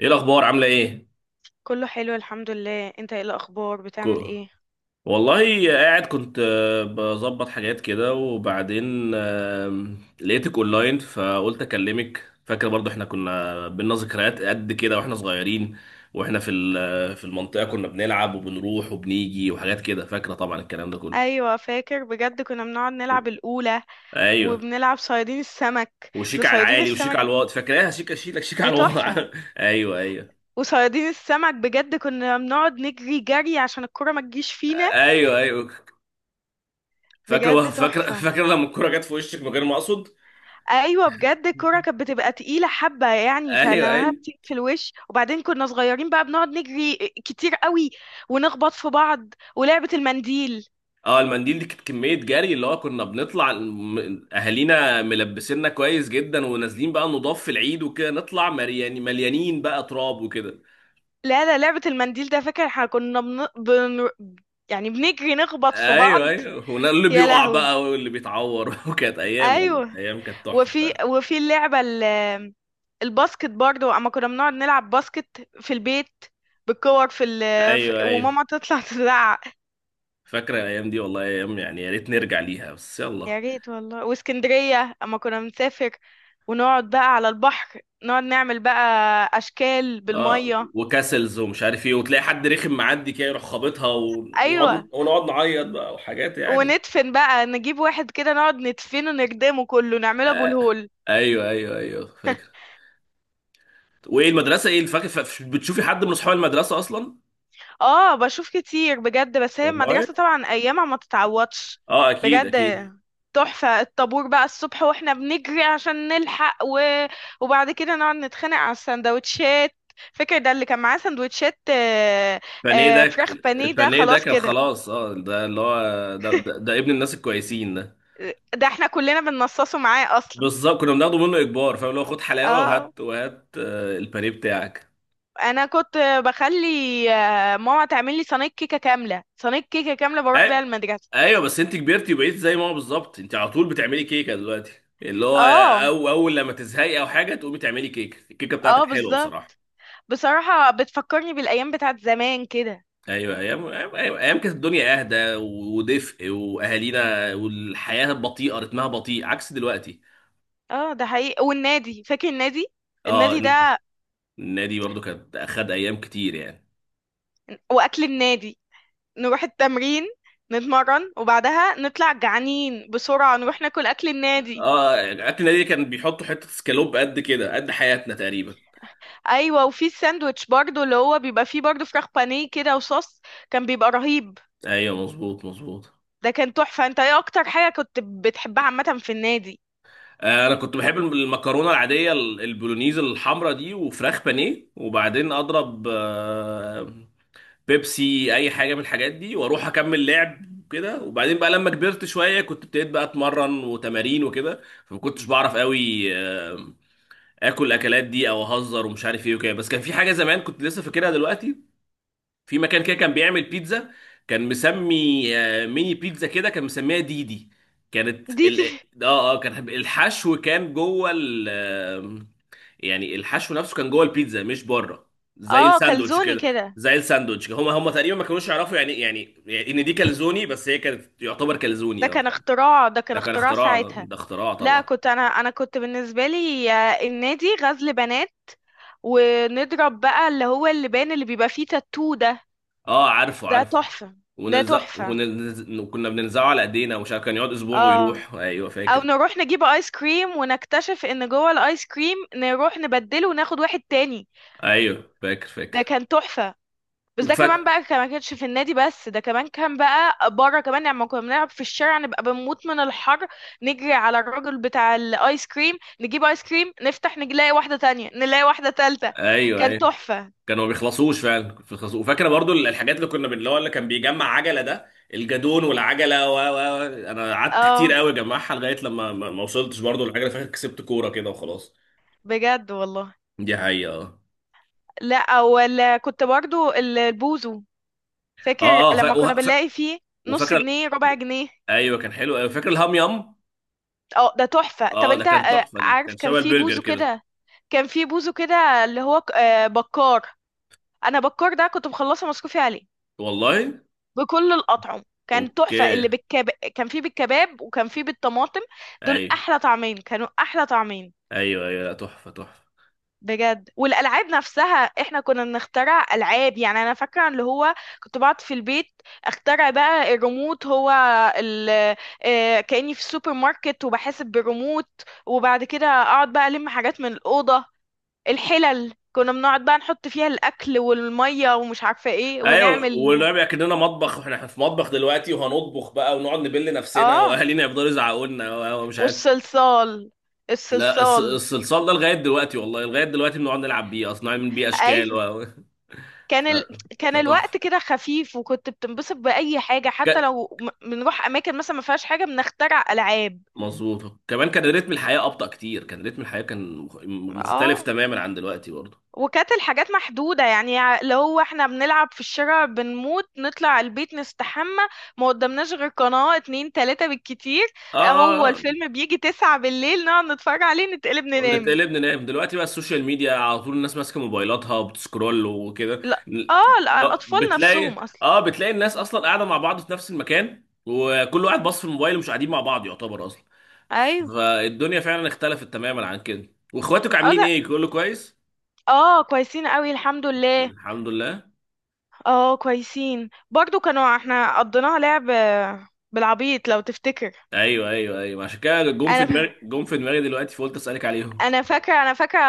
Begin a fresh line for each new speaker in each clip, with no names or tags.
ايه الاخبار، عامله ايه؟
كله حلو، الحمد لله. انت ايه الاخبار، بتعمل
كو...
ايه؟
والله قاعد كنت بظبط حاجات كده، وبعدين لقيتك اونلاين فقلت اكلمك. فاكر برضو احنا كنا بينا ذكريات قد كده واحنا صغيرين، واحنا في في المنطقه كنا بنلعب وبنروح وبنيجي وحاجات كده، فاكره طبعا الكلام ده كله.
ايوه فاكر، بجد كنا بنقعد نلعب الاولى
ايوه.
وبنلعب صيادين السمك. ده
وشيك على
صيادين
العالي وشيك على
السمك.
الواطي، فاكراها شيك شيك شيك على
دي تحفه.
الواطي ايوه، ايوه.
وصيادين السمك بجد كنا بنقعد نجري جري عشان الكرة ما تجيش فينا.
ايوه، ايوه. فاكره
بجد
فاكره
تحفه.
فاكره لما الكوره جت في وشك من غير ما اقصد.
ايوه بجد الكرة كانت بتبقى تقيله حبه يعني،
ايوه،
فلما
ايوه.
بتيجي في الوش وبعدين كنا صغيرين بقى بنقعد نجري كتير قوي ونخبط في بعض ولعبه المنديل.
اه المنديل دي كانت كمية جري، اللي هو كنا بنطلع اهالينا ملبسيننا كويس جدا، ونازلين بقى نضاف في العيد وكده، نطلع مرياني مليانين بقى تراب وكده.
لا لا، لعبة المنديل ده فاكر احنا كنا يعني بنجري نخبط في
ايوه،
بعض.
ايوه ولا اللي
يا
بيقع
لهوي.
بقى واللي بيتعور وكانت ايام، والله
ايوه.
ايام كانت تحفة
وفي
فعلا.
وفي اللعبة الباسكت برضه اما كنا بنقعد نلعب باسكت في البيت بالكور في
ايوه، ايوه.
وماما تطلع تزعق.
فاكرة الايام دي، والله ايام يعني، يا ريت نرجع ليها بس
يا
يلا.
ريت والله، واسكندرية اما كنا بنسافر ونقعد بقى على البحر نقعد نعمل بقى اشكال
اه
بالمية.
وكاسلز ومش عارف ايه، وتلاقي حد رخم معدي كده يروح خابطها، ونقعد
ايوه.
نعيط بقى وحاجات يعني.
وندفن بقى نجيب واحد كده نقعد ندفنه نردمه كله نعمله ابو الهول.
ايوه، ايوه، ايوه فاكر. وايه المدرسه، ايه الفاكر، بتشوفي حد من اصحاب المدرسه اصلا؟
اه بشوف كتير بجد، بس هي
والله.
المدرسة طبعا ايامها ما تتعوضش.
اه اكيد
بجد
اكيد.
تحفة الطابور بقى الصبح واحنا بنجري عشان نلحق، وبعد كده نقعد نتخانق على السندوتشات. فاكر ده اللي كان معاه سندوتشات،
بانيه ده ك-
فراخ بانيه، ده
البانيه ده
خلاص
كان
كده.
خلاص، اه ده اللي هو ده ابن الناس الكويسين ده.
ده احنا كلنا بننصصه معاه اصلا.
بالظبط كنا بناخده منه اجبار، فاهم، اللي هو خد حلاوه
اه،
وهات وهات، البانيه بتاعك.
انا كنت بخلي ماما تعمل لي صينية كيكة كاملة، صينية كيكة كاملة بروح بيها
أي...
المدرسة.
ايوه بس انت كبرتي وبقيت زي ما هو بالظبط، انت على طول بتعملي كيكه دلوقتي، اللي هو
اه
أو اول لما تزهقي او حاجه تقومي تعملي كيكه، الكيكه
اه
بتاعتك حلوه
بالظبط.
بصراحه.
بصراحة بتفكرني بالأيام بتاعت زمان كده.
ايوه ايام ايام، أيوة، أيام كانت الدنيا اهدى ودفء واهالينا، والحياه بطيئه، رتمها بطيء عكس دلوقتي.
اه ده حقيقي. والنادي، فاكر النادي؟
اه
النادي ده
النادي برضو كانت اخد ايام كتير يعني.
وأكل النادي. نروح التمرين نتمرن وبعدها نطلع جعانين بسرعة نروح ناكل أكل النادي.
اه اكل النادي كان بيحطوا حته سكالوب قد كده قد حياتنا تقريبا.
أيوة. وفي الساندوتش برضو اللي هو بيبقى فيه برضو فراخ بانيه كده وصوص، كان بيبقى رهيب.
ايوه مظبوط مظبوط.
ده كان تحفة. انت ايه أكتر حاجة كنت بتحبها عامة في النادي؟
انا كنت بحب المكرونه العاديه البولونيز الحمراء دي، وفراخ بانيه، وبعدين اضرب بيبسي، اي حاجه من الحاجات دي، واروح اكمل لعب. كده، وبعدين بقى لما كبرت شويه كنت ابتديت بقى اتمرن وتمارين وكده، فما كنتش بعرف قوي اكل الاكلات دي او اهزر ومش عارف ايه وكده. بس كان في حاجه زمان كنت لسه فاكرها دلوقتي، في مكان كده كان بيعمل بيتزا، كان مسمي ميني بيتزا كده، كان مسميها دي دي. كانت
دي
ال...
دي.
اه اه كان الحشو كان جوه ال آه، يعني الحشو نفسه كان جوه البيتزا مش بره، زي
اه
الساندوتش
كلزوني
كده.
كده.
زي الساندوتش كده. هم تقريبا ما كانوش يعرفوا، يعني ان دي كالزوني، بس هي كانت يعتبر
ده
كالزوني اه
كان
فعلا.
اختراع، ده كان
ده كان
اختراع
اختراع،
ساعتها.
ده اختراع
لا،
طبعا.
كنت انا كنت بالنسبه لي النادي غزل بنات، ونضرب بقى اللي هو اللبان اللي بيبقى فيه تاتو ده.
اه عارفه
ده
عارفه.
تحفه. ده
ونلزق
تحفه.
وكنا بننزعه على ايدينا ومش عارف، كان يقعد اسبوع
اه.
ويروح، ايوه
او
فاكر.
نروح نجيب ايس كريم ونكتشف ان جوه الايس كريم نروح نبدله وناخد واحد تاني.
ايوه فاكر
ده
فاكر.
كان تحفه. بس ده كمان
وفاكر.
بقى ما كانش في النادي بس، ده كمان كان بقى بره كمان يعني، لما كنا بنلعب في الشارع نبقى بنموت من الحر نجري على الراجل بتاع الايس كريم، نجيب ايس كريم نفتح نلاقي واحدة تانية، نلاقي واحدة تالتة.
ايوه،
كان
ايوه.
تحفة.
كانوا ما بيخلصوش فعلا، كنت بيخلصوا. وفاكره برضو الحاجات اللي اللي هو اللي كان بيجمع عجله ده الجدون والعجله و. انا قعدت كتير
اه
قوي اجمعها لغايه لما ما وصلتش برضو للعجله، فاكر كسبت كوره كده وخلاص.
بجد والله.
دي حقيقه.
لا، ولا كنت برضو البوزو، فاكر
اه اه.
لما كنا بنلاقي فيه نص
وفاكره.
جنيه، ربع جنيه؟
ايوه كان حلو قوي، فاكر الهام يام.
اه ده تحفة. طب
اه ده
انت
كان تحفه، ده
عارف
كان
كان
شبه
في
البرجر
بوزو
كده.
كده، كان في بوزو كده اللي هو بكار. انا بكار ده كنت مخلصة مصروفي عليه
والله.
بكل الأطعم، كان تحفة.
اوكي.
اللي كان فيه بالكباب وكان فيه بالطماطم. دول
ايوه
أحلى طعمين، كانوا أحلى طعمين.
ايوه ايوه، لا، تحفه تحفه.
بجد. والألعاب نفسها احنا كنا بنخترع ألعاب، يعني أنا فاكرة اللي هو كنت بقعد في البيت اخترع بقى الريموت هو ال... كأني في السوبر ماركت وبحاسب بالريموت. وبعد كده أقعد بقى ألم حاجات من الأوضة، الحلل كنا بنقعد بقى نحط فيها الأكل والمية ومش عارفة ايه
ايوه،
ونعمل.
والرابع كاننا مطبخ، واحنا في مطبخ دلوقتي، وهنطبخ بقى، ونقعد نبل نفسنا،
اه
واهالينا يفضلوا يزعقوا لنا ومش عارف.
والصلصال.
لا
الصلصال.
الصلصال ده لغايه دلوقتي، والله لغايه دلوقتي بنقعد نلعب بيه اصلا، نعمل بيه اشكال
ايوه. كان
ف...
ال... كان الوقت
فتحفه.
كده خفيف، وكنت بتنبسط باي حاجه حتى
ك...
لو بنروح اماكن مثلا ما فيهاش حاجه بنخترع العاب.
مظبوط، كمان كان رتم الحياه ابطا كتير، كان رتم الحياه كان مختلف
اه.
تماما عن دلوقتي برضه.
وكانت الحاجات محدوده يعني، لو هو احنا بنلعب في الشارع بنموت نطلع البيت نستحمى. ما قدامناش غير قناه اتنين تلاته بالكتير،
اه،
هو
آه، آه.
الفيلم بيجي تسعة بالليل نقعد نتفرج عليه نتقلب ننام.
نتقلب ننام. دلوقتي بقى السوشيال ميديا على طول، الناس ماسكه موبايلاتها وبتسكرول وكده.
لا، اه،
لا
الاطفال
بتلاقي،
نفسهم اصلا.
الناس اصلا قاعده مع بعض في نفس المكان، وكل واحد باص في الموبايل، ومش قاعدين مع بعض يعتبر اصلا.
ايوه.
فالدنيا فعلا اختلفت تماما عن كده. واخواتك
اه.
عاملين
لا.
ايه، كله كويس؟
اه كويسين قوي الحمد لله.
الحمد لله.
اه كويسين برضو. كانوا احنا قضيناها لعب بالعبيط لو تفتكر.
ايوه ايوه ايوه، عشان كده جم في
انا ف...
دماغي، جم في دماغي دلوقتي، فقلت اسالك عليهم.
انا فاكره. انا فاكره.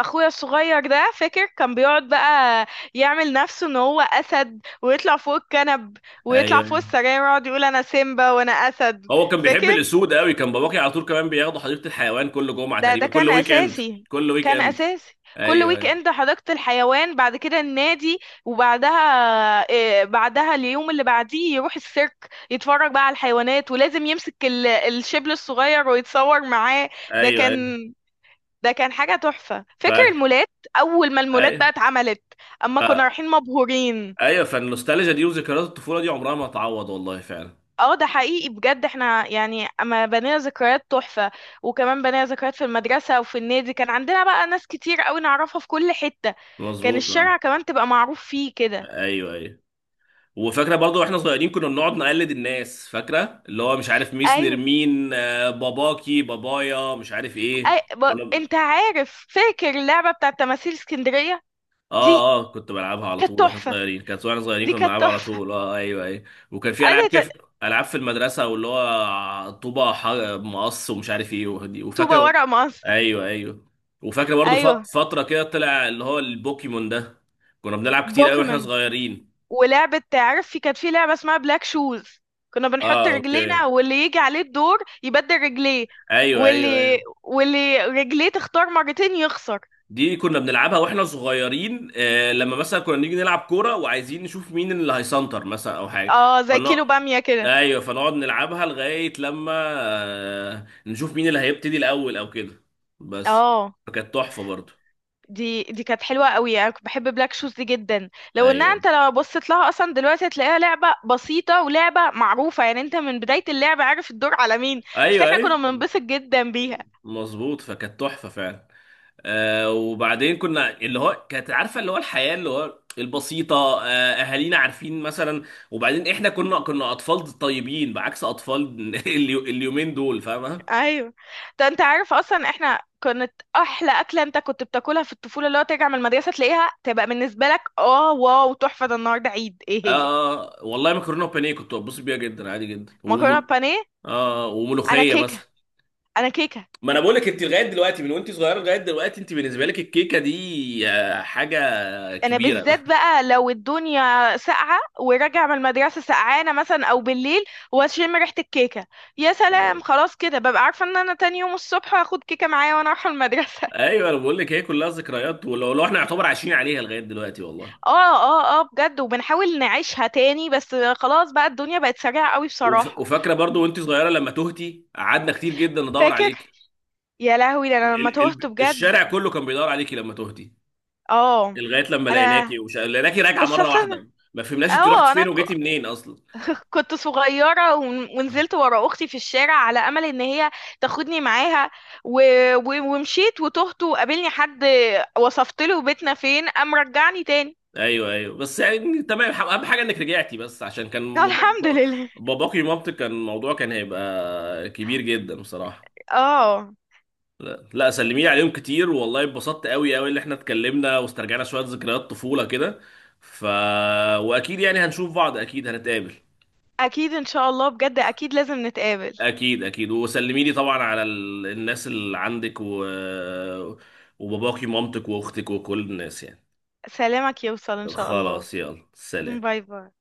اخويا الصغير ده فاكر كان بيقعد بقى يعمل نفسه ان هو اسد ويطلع فوق الكنب
ايوه،
ويطلع فوق
أيوه.
السراير ويقعد يقول انا سيمبا وانا اسد.
هو كان بيحب
فاكر.
الاسود قوي، كان باباكي على طول كمان بياخدوا حديقه الحيوان كل جمعه
ده
تقريبا، كل
كان
ويك اند.
اساسي.
كل ويك
كان
اند.
اساسي. كل ويك
ايوه
اند حديقة الحيوان، بعد كده النادي وبعدها إيه بعدها؟ اليوم اللي بعديه يروح السيرك يتفرج بقى على الحيوانات، ولازم يمسك الشبل الصغير ويتصور معاه. ده
ايوه ايوه
كان ده كان حاجة تحفة. فاكر
فاك
المولات؟ اول ما المولات بقى
ايوه
اتعملت اما
ف...
كنا رايحين مبهورين.
ايوه، فالنوستالجيا دي وذكريات الطفوله دي عمرها ما هتعوض، والله فعلا.
اه ده حقيقي بجد. احنا يعني اما بنينا ذكريات تحفة، وكمان بنينا ذكريات في المدرسة وفي النادي، كان عندنا بقى ناس كتير قوي نعرفها في كل حتة. كان
مظبوط اه.
الشارع كمان تبقى معروف فيه كده.
ايوه، ايوه. وفاكره برضه واحنا صغيرين كنا بنقعد نقلد الناس، فاكره اللي هو مش عارف ميس
ايوه.
نرمين، باباكي بابايا مش عارف ايه
انت عارف، فاكر اللعبة بتاعة تماثيل اسكندرية؟
اه
دي
اه كنت بلعبها على
كانت
طول واحنا
تحفة.
صغيرين، كانت واحنا صغيرين
دي
كنا
كانت
بنلعبها على
تحفة.
طول، اه ايوه ايوه. وكان في العاب
انا
كده
ت-
العاب في المدرسه، واللي هو طوبه مقص ومش عارف ايه
طوبة
وفاكره.
ورق مقص.
ايوه، ايوه. وفاكر برضو
ايوه
فتره كده طلع اللي هو البوكيمون ده، كنا بنلعب كتير قوي واحنا
بوكيمون.
صغيرين.
ولعبة، عارف في كانت في لعبة اسمها بلاك شوز، كنا بنحط
اه اوكي.
رجلينا واللي يجي عليه الدور يبدل رجليه.
ايوه ايوه
واللي
ايوه.
واللي رجليه تختار مرتين يخسر.
دي كنا بنلعبها واحنا صغيرين، لما مثلا كنا نيجي نلعب كوره وعايزين نشوف مين اللي هيسنتر مثلا او حاجه.
اه زي
فن...
كيلو بامية كده.
ايوه فنقعد نلعبها لغايه لما نشوف مين اللي هيبتدي الاول او كده بس.
اه.
فكانت تحفه برضو.
دي كانت حلوة قوي. انا كنت بحب بلاك شوز دي جدا، لو انها
ايوه
انت لو بصيت لها اصلا دلوقتي هتلاقيها لعبة بسيطة ولعبة معروفة يعني، انت من بداية اللعبة عارف الدور على مين. بس
ايوه
احنا كنا
ايوه
بننبسط جدا بيها.
مظبوط، فكانت تحفه فعلا. وبعدين كنا اللي هو كانت عارفه اللي هو الحياه اللي هو البسيطه. آه. اهالينا عارفين مثلا. وبعدين احنا كنا اطفال طيبين بعكس اطفال اليومين دول فاهمه.
ايوه. ده انت عارف اصلا احنا كانت احلى اكله انت كنت بتاكلها في الطفوله، اللي هو ترجع من المدرسه تلاقيها تبقى بالنسبه لك اه واو تحفه، ده النهارده عيد. ايه
اه،
هي؟
والله مكرونه وبانيه كنت ببص بيها جدا عادي جدا،
مكرونه بانيه.
اه
انا
وملوخيه
كيكه.
مثلا.
انا كيكه.
ما انا بقول لك، انت لغايه دلوقتي، من وانت صغيره لغايه دلوقتي انت بالنسبه لك الكيكه دي حاجه
انا
كبيره
بالذات بقى لو الدنيا ساقعه وراجع من المدرسه سقعانه مثلا او بالليل واشم ريحه الكيكه، يا سلام، خلاص كده ببقى عارفه ان انا تاني يوم الصبح هاخد كيكه معايا وانا رايحه المدرسه.
ايوه انا بقول لك هي كلها ذكريات، لو احنا يعتبر عايشين عليها لغايه دلوقتي والله.
اه اه اه بجد، وبنحاول نعيشها تاني، بس خلاص بقى الدنيا بقت سريعه قوي بصراحه.
وفاكره برضو وانت صغيره لما تهتي قعدنا كتير جدا ندور
فاكر.
عليك،
يا لهوي، ده انا لما تهت بجد.
الشارع كله كان بيدور عليكي لما تهتي،
اه.
لغايه لما لقيناكي
انا.
لقيناكي راجعه
بس
مره
اصلا
واحده. ما فهمناش انت
اه
رحتي فين وجيتي منين اصلا.
كنت صغيره ونزلت ورا اختي في الشارع على امل ان هي تاخدني معاها، و... ومشيت وتهت وقابلني حد، وصفت له بيتنا فين قام رجعني تاني.
ايوه ايوه بس يعني تمام، اهم حاجه انك رجعتي، بس عشان كان
الحمد لله.
باباكي ومامتك، كان الموضوع كان هيبقى كبير جدا بصراحه.
اه
لا لا، سلمي لي عليهم كتير، والله اتبسطت قوي قوي اللي احنا اتكلمنا واسترجعنا شويه ذكريات طفوله كده. ف واكيد يعني هنشوف بعض، اكيد هنتقابل.
اكيد ان شاء الله، بجد اكيد لازم نتقابل.
اكيد اكيد، وسلمي لي طبعا على الناس اللي عندك، وباباكي ومامتك واختك وكل الناس يعني.
سلامك يوصل ان شاء الله.
خلاص، يلا سلام.
باي باي.